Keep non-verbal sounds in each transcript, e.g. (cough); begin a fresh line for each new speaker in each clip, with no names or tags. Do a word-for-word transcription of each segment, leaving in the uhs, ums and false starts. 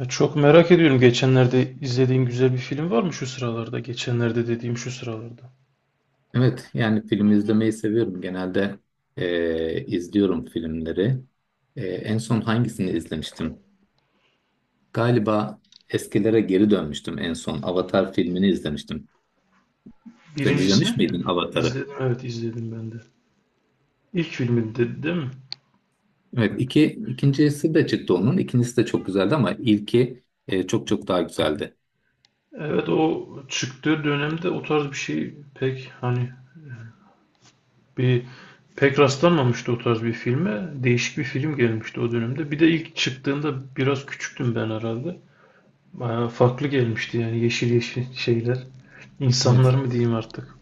Ya, çok merak ediyorum. Geçenlerde izlediğin güzel bir film var mı şu sıralarda? Geçenlerde dediğim şu sıralarda.
Evet, yani film izlemeyi seviyorum. Genelde eee, izliyorum filmleri. Eee, en son hangisini izlemiştim? Galiba eskilere geri dönmüştüm en son. Avatar filmini izlemiştim. Sen
Birincisini
izlemiş
mi?
miydin Avatar'ı?
İzledim. Evet, izledim ben de. İlk filmi dedi değil mi?
Evet, iki, ikincisi de çıktı onun. İkincisi de çok güzeldi ama ilki eee, çok çok daha güzeldi.
Evet, o çıktığı dönemde o tarz bir şey pek hani bir pek rastlanmamıştı o tarz bir filme. Değişik bir film gelmişti o dönemde. Bir de ilk çıktığında biraz küçüktüm ben herhalde. Bayağı farklı gelmişti yani yeşil yeşil şeyler. İnsanlar
Evet.
mı diyeyim artık.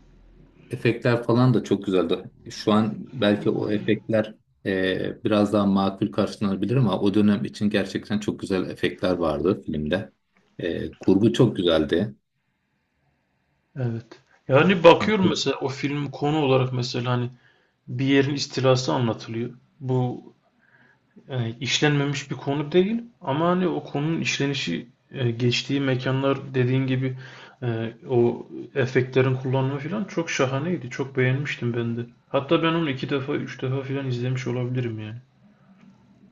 Efektler falan da çok güzeldi. Şu an belki o efektler e, biraz daha makul karşılanabilir ama o dönem için gerçekten çok güzel efektler vardı filmde. E, kurgu çok güzeldi.
Evet. Yani
Yani,
bakıyorum
çok-
mesela o film konu olarak mesela hani bir yerin istilası anlatılıyor. Bu e, işlenmemiş bir konu değil ama hani o konunun işlenişi e, geçtiği mekanlar dediğin gibi e, o efektlerin kullanımı falan çok şahaneydi. Çok beğenmiştim ben de. Hatta ben onu iki defa, üç defa falan izlemiş olabilirim yani.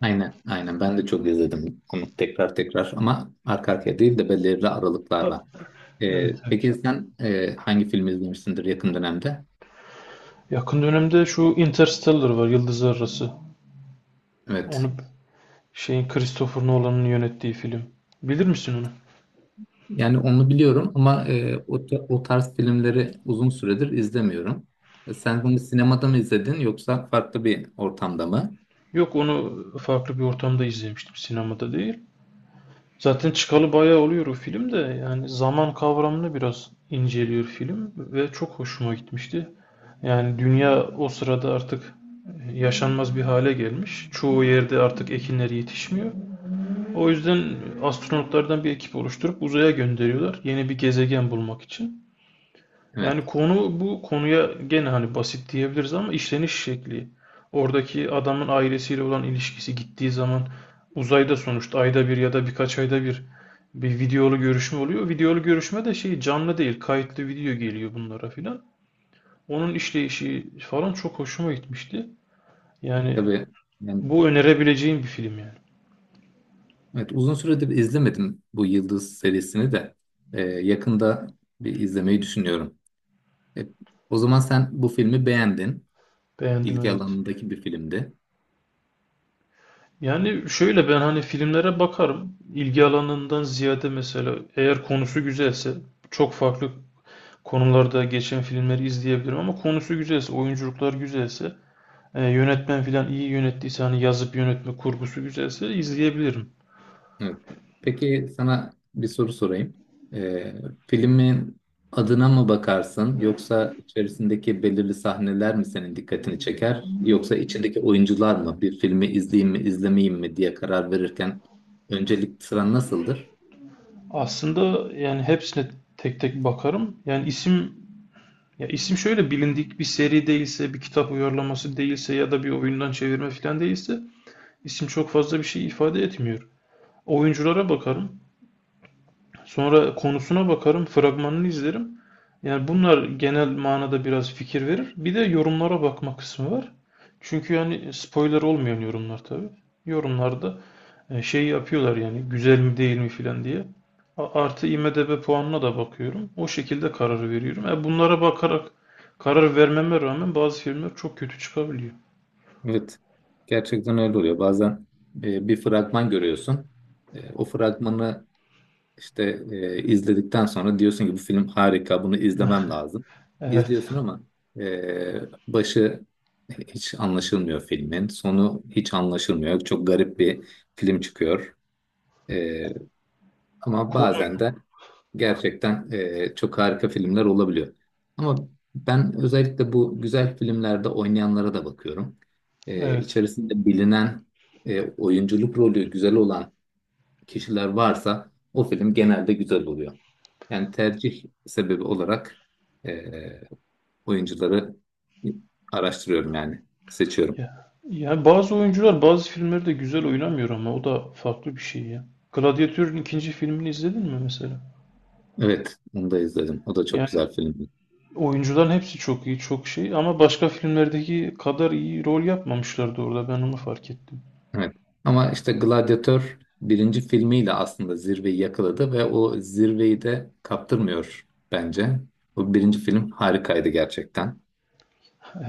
aynen, aynen ben de çok izledim onu tekrar tekrar ama arka arkaya değil de belirli
Ta-
aralıklarla.
evet,
E,
evet.
peki sen e, hangi filmi izlemişsindir yakın dönemde?
Yakın dönemde şu Interstellar var, Yıldızlar Arası.
Evet.
Onu şeyin Christopher Nolan'ın yönettiği film. Bilir misin onu?
Yani onu biliyorum ama e, o, ta- o tarz filmleri uzun süredir izlemiyorum. E, Sen bunu sinemada mı izledin yoksa farklı bir ortamda mı?
Yok, onu farklı bir ortamda izlemiştim. Sinemada değil. Zaten çıkalı bayağı oluyor o film de, yani zaman kavramını biraz inceliyor film ve çok hoşuma gitmişti. Yani dünya o sırada artık yaşanmaz bir hale gelmiş. Çoğu yerde artık ekinler yetişmiyor. O yüzden astronotlardan bir ekip oluşturup uzaya gönderiyorlar yeni bir gezegen bulmak için.
Evet,
Yani konu, bu konuya gene hani basit diyebiliriz ama işleniş şekli. Oradaki adamın ailesiyle olan ilişkisi, gittiği zaman uzayda sonuçta ayda bir ya da birkaç ayda bir bir videolu görüşme oluyor. Videolu görüşme de şey, canlı değil, kayıtlı video geliyor bunlara filan. Onun işleyişi falan çok hoşuma gitmişti. Yani
tabii. Yani,
bu önerebileceğim bir film yani.
evet, uzun süredir izlemedim bu Yıldız serisini de. E, yakında bir izlemeyi düşünüyorum. E, o zaman sen bu filmi beğendin.
Beğendim,
İlgi
evet.
alanındaki bir filmdi.
Yani şöyle, ben hani filmlere bakarım. İlgi alanından ziyade mesela eğer konusu güzelse çok farklı konularda geçen filmleri izleyebilirim ama konusu güzelse, oyunculuklar güzelse, e, yönetmen filan iyi yönettiyse, hani yazıp yönetme kurgusu güzelse izleyebilirim.
Evet. Peki sana bir soru sorayım. Ee, filmin adına mı bakarsın yoksa içerisindeki belirli sahneler mi senin dikkatini çeker yoksa içindeki oyuncular mı bir filmi izleyeyim mi izlemeyeyim mi diye karar verirken öncelik sıran nasıldır?
Aslında yani hepsine tek tek bakarım. Yani isim, ya isim şöyle bilindik bir seri değilse, bir kitap uyarlaması değilse ya da bir oyundan çevirme filan değilse isim çok fazla bir şey ifade etmiyor. Oyunculara bakarım. Sonra konusuna bakarım, fragmanını izlerim. Yani bunlar genel manada biraz fikir verir. Bir de yorumlara bakma kısmı var. Çünkü yani spoiler olmayan yorumlar tabii. Yorumlarda e, şey yapıyorlar yani, güzel mi değil mi filan diye. A- Artı, I M D B puanına da bakıyorum. O şekilde kararı veriyorum. E bunlara bakarak karar vermeme rağmen bazı filmler çok kötü çıkabiliyor.
Evet, gerçekten öyle oluyor. Bazen e, bir fragman görüyorsun. E, o fragmanı İşte e, izledikten sonra diyorsun ki bu film harika, bunu izlemem lazım.
(laughs) Evet.
İzliyorsun ama e, başı hiç anlaşılmıyor filmin, sonu hiç anlaşılmıyor. Çok garip bir film çıkıyor. E, ama
Konu,
bazen de gerçekten e, çok harika filmler olabiliyor. Ama ben özellikle bu güzel filmlerde oynayanlara da bakıyorum. E,
evet.
içerisinde bilinen e, oyunculuk rolü güzel olan kişiler varsa o film genelde güzel oluyor. Yani tercih sebebi olarak eee, oyuncuları araştırıyorum yani seçiyorum.
Ya, ya bazı oyuncular bazı filmleri de güzel oynamıyor ama o da farklı bir şey ya. Gladiatör'ün ikinci filmini izledin mi mesela?
Evet, onu da izledim. O da çok
Yani
güzel filmdi.
oyuncuların hepsi çok iyi, çok şey, ama başka filmlerdeki kadar iyi rol yapmamışlardı orada, ben onu fark ettim.
Evet. Ama işte Gladiator birinci filmiyle aslında zirveyi yakaladı ve o zirveyi de kaptırmıyor bence. O birinci film harikaydı gerçekten.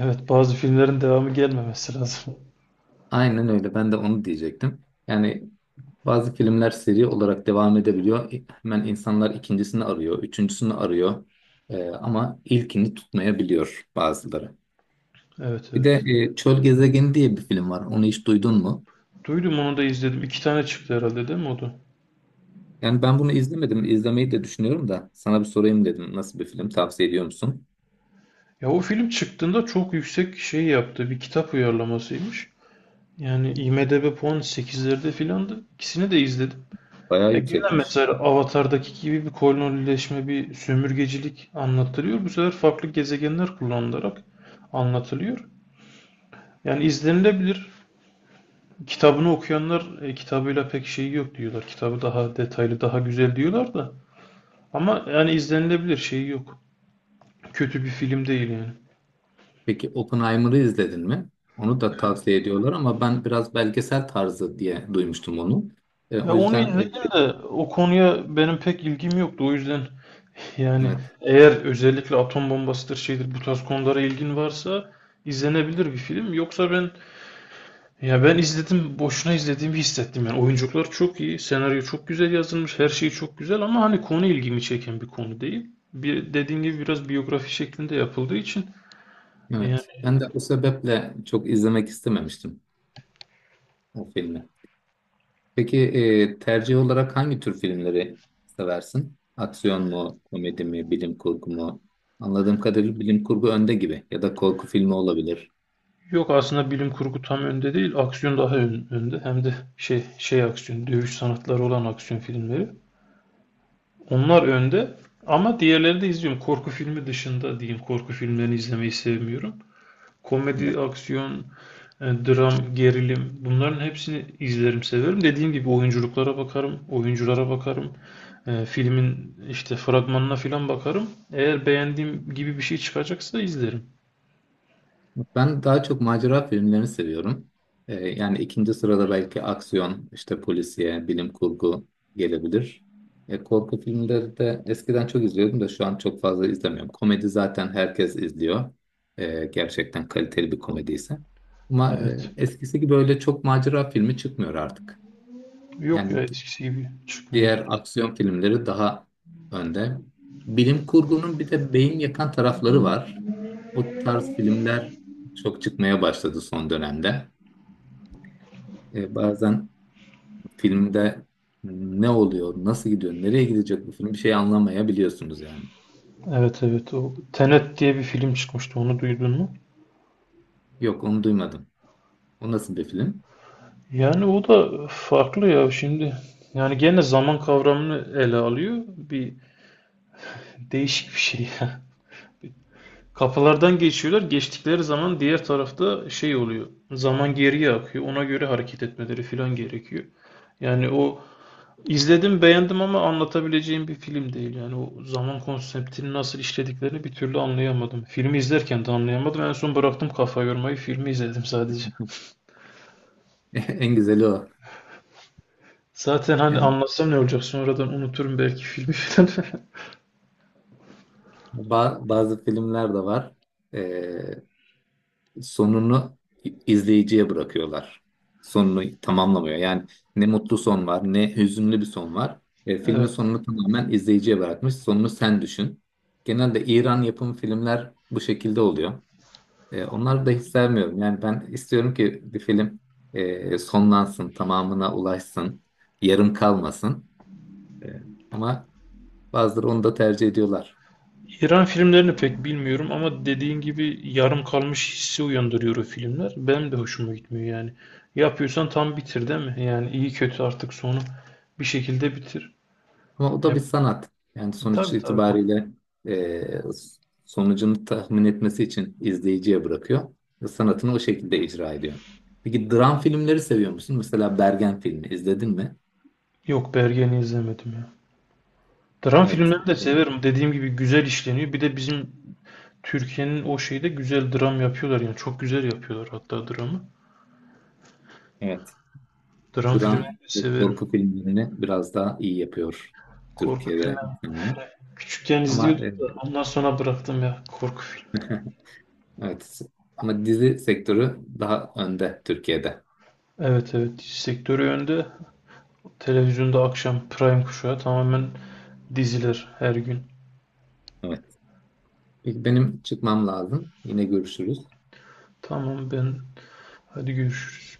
Evet, bazı filmlerin devamı gelmemesi lazım. (laughs)
Aynen öyle. Ben de onu diyecektim. Yani bazı filmler seri olarak devam edebiliyor. Hemen insanlar ikincisini arıyor, üçüncüsünü arıyor. Ee, ama ilkini tutmayabiliyor bazıları.
Evet,
Bir de
evet.
e, Çöl Gezegeni diye bir film var. Onu hiç duydun mu?
Duydum, onu da izledim. İki tane çıktı herhalde değil mi o da?
Yani ben bunu izlemedim. İzlemeyi de düşünüyorum da sana bir sorayım dedim. Nasıl bir film? Tavsiye ediyor musun?
Ya, o film çıktığında çok yüksek şey yaptı. Bir kitap uyarlamasıymış. Yani I M D B puan sekizlerde filandı. İkisini de izledim.
Bayağı
Ya gene
yüksekmiş.
mesela Avatar'daki gibi bir kolonileşme, bir sömürgecilik anlatılıyor. Bu sefer farklı gezegenler kullanılarak anlatılıyor. Yani izlenilebilir. Kitabını okuyanlar e, kitabıyla pek şeyi yok diyorlar. Kitabı daha detaylı, daha güzel diyorlar da. Ama yani izlenilebilir, şeyi yok. Kötü bir film değil yani.
Peki Oppenheimer'ı izledin mi? Onu da tavsiye ediyorlar ama ben biraz belgesel tarzı diye duymuştum onu. E,
Ya,
o
onu
yüzden e,
izledim de o konuya benim pek ilgim yoktu. O yüzden (laughs) yani
evet,
eğer özellikle atom bombasıdır şeydir, bu tarz konulara ilgin varsa izlenebilir bir film. Yoksa ben, ya ben izledim, boşuna izlediğimi hissettim yani. Oyunculuklar çok iyi, senaryo çok güzel yazılmış, her şey çok güzel ama hani konu, ilgimi çeken bir konu değil. Bir, dediğin gibi biraz biyografi şeklinde yapıldığı için yani.
evet. Ben de o sebeple çok izlemek istememiştim. O filmi. Peki e, tercih olarak hangi tür filmleri seversin? Aksiyon mu, komedi mi, bilim kurgu mu? Anladığım kadarıyla bilim kurgu önde gibi ya da korku filmi olabilir.
Yok, aslında bilim kurgu tam önde değil, aksiyon daha ön- önde. Hem de şey şey aksiyon, dövüş sanatları olan aksiyon filmleri. Onlar önde ama diğerleri de izliyorum. Korku filmi dışında diyeyim, korku filmlerini izlemeyi sevmiyorum.
Yani
Komedi, aksiyon, E, dram, gerilim, bunların hepsini izlerim, severim. Dediğim gibi oyunculuklara bakarım, oyunculara bakarım. E, filmin işte fragmanına filan bakarım. Eğer beğendiğim gibi bir şey çıkacaksa izlerim.
ben daha çok macera filmlerini seviyorum. Ee, yani ikinci sırada belki aksiyon, işte polisiye, bilim kurgu gelebilir. E, korku filmleri de eskiden çok izliyordum da şu an çok fazla izlemiyorum. Komedi zaten herkes izliyor. Ee, gerçekten kaliteli bir komediyse. Ama e,
Evet.
eskisi gibi öyle çok macera filmi çıkmıyor artık.
Yok
Yani
ya, eskisi gibi çıkmıyor.
diğer aksiyon filmleri daha önde. Bilim kurgunun bir de beyin yakan tarafları var. O tarz filmler çok çıkmaya başladı son dönemde. E, bazen filmde ne oluyor, nasıl gidiyor, nereye gidecek bu film bir şey anlamayabiliyorsunuz yani.
Evet, evet, o Tenet diye bir film çıkmıştı, onu duydun mu?
Yok onu duymadım. O nasıl bir film?
Yani o da farklı ya şimdi. Yani gene zaman kavramını ele alıyor. Bir değişik bir şey. (laughs) Kapılardan geçiyorlar. Geçtikleri zaman diğer tarafta şey oluyor, zaman geriye akıyor. Ona göre hareket etmeleri falan gerekiyor. Yani o, izledim, beğendim ama anlatabileceğim bir film değil. Yani o zaman konseptini nasıl işlediklerini bir türlü anlayamadım. Filmi izlerken de anlayamadım. En son bıraktım kafa yormayı. Filmi izledim sadece.
(laughs) En güzeli o.
Zaten hani
Yani
anlatsam ne olacak? Sonradan unuturum belki filmi falan. (laughs)
ba- bazı filmler de var. E, sonunu izleyiciye bırakıyorlar. Sonunu tamamlamıyor. Yani ne mutlu son var, ne hüzünlü bir son var. E, filmin
Evet.
sonunu tamamen izleyiciye bırakmış. Sonunu sen düşün. Genelde İran yapımı filmler bu şekilde oluyor. E, onları da hiç sevmiyorum. Yani ben istiyorum ki bir film e, sonlansın, tamamına ulaşsın, yarım kalmasın. E, ama bazıları onu da tercih ediyorlar.
İran filmlerini pek bilmiyorum ama dediğin gibi yarım kalmış hissi uyandırıyor o filmler. Benim de hoşuma gitmiyor yani. Yapıyorsan tam bitir değil mi? Yani iyi kötü artık sonu bir şekilde bitir.
Ama o da bir
Ya,
sanat. Yani sonuç
tabii, tabii.
itibariyle e, sonucunu tahmin etmesi için izleyiciye bırakıyor ve sanatını o şekilde icra ediyor. Peki dram filmleri seviyor musun? Mesela Bergen filmi izledin mi?
Yok, Bergen'i izlemedim ya. Dram
Evet.
filmlerini de severim. Dediğim gibi güzel işleniyor. Bir de bizim Türkiye'nin o şeyde güzel dram yapıyorlar yani. Çok güzel yapıyorlar hatta dramı.
Evet.
Dram
Dram
filmlerini de
ve
severim.
korku filmlerini biraz daha iyi yapıyor
Korku
Türkiye'de
filmleri.
insanlar.
Küçükken izliyordum
Ama e,
da ondan sonra bıraktım ya korku filmi.
(laughs) evet. Ama dizi sektörü daha önde Türkiye'de.
Evet, evet, sektörü önde. Televizyonda akşam prime kuşağı tamamen diziler, her gün.
Evet. Peki benim çıkmam lazım. Yine görüşürüz.
Tamam, ben, hadi görüşürüz.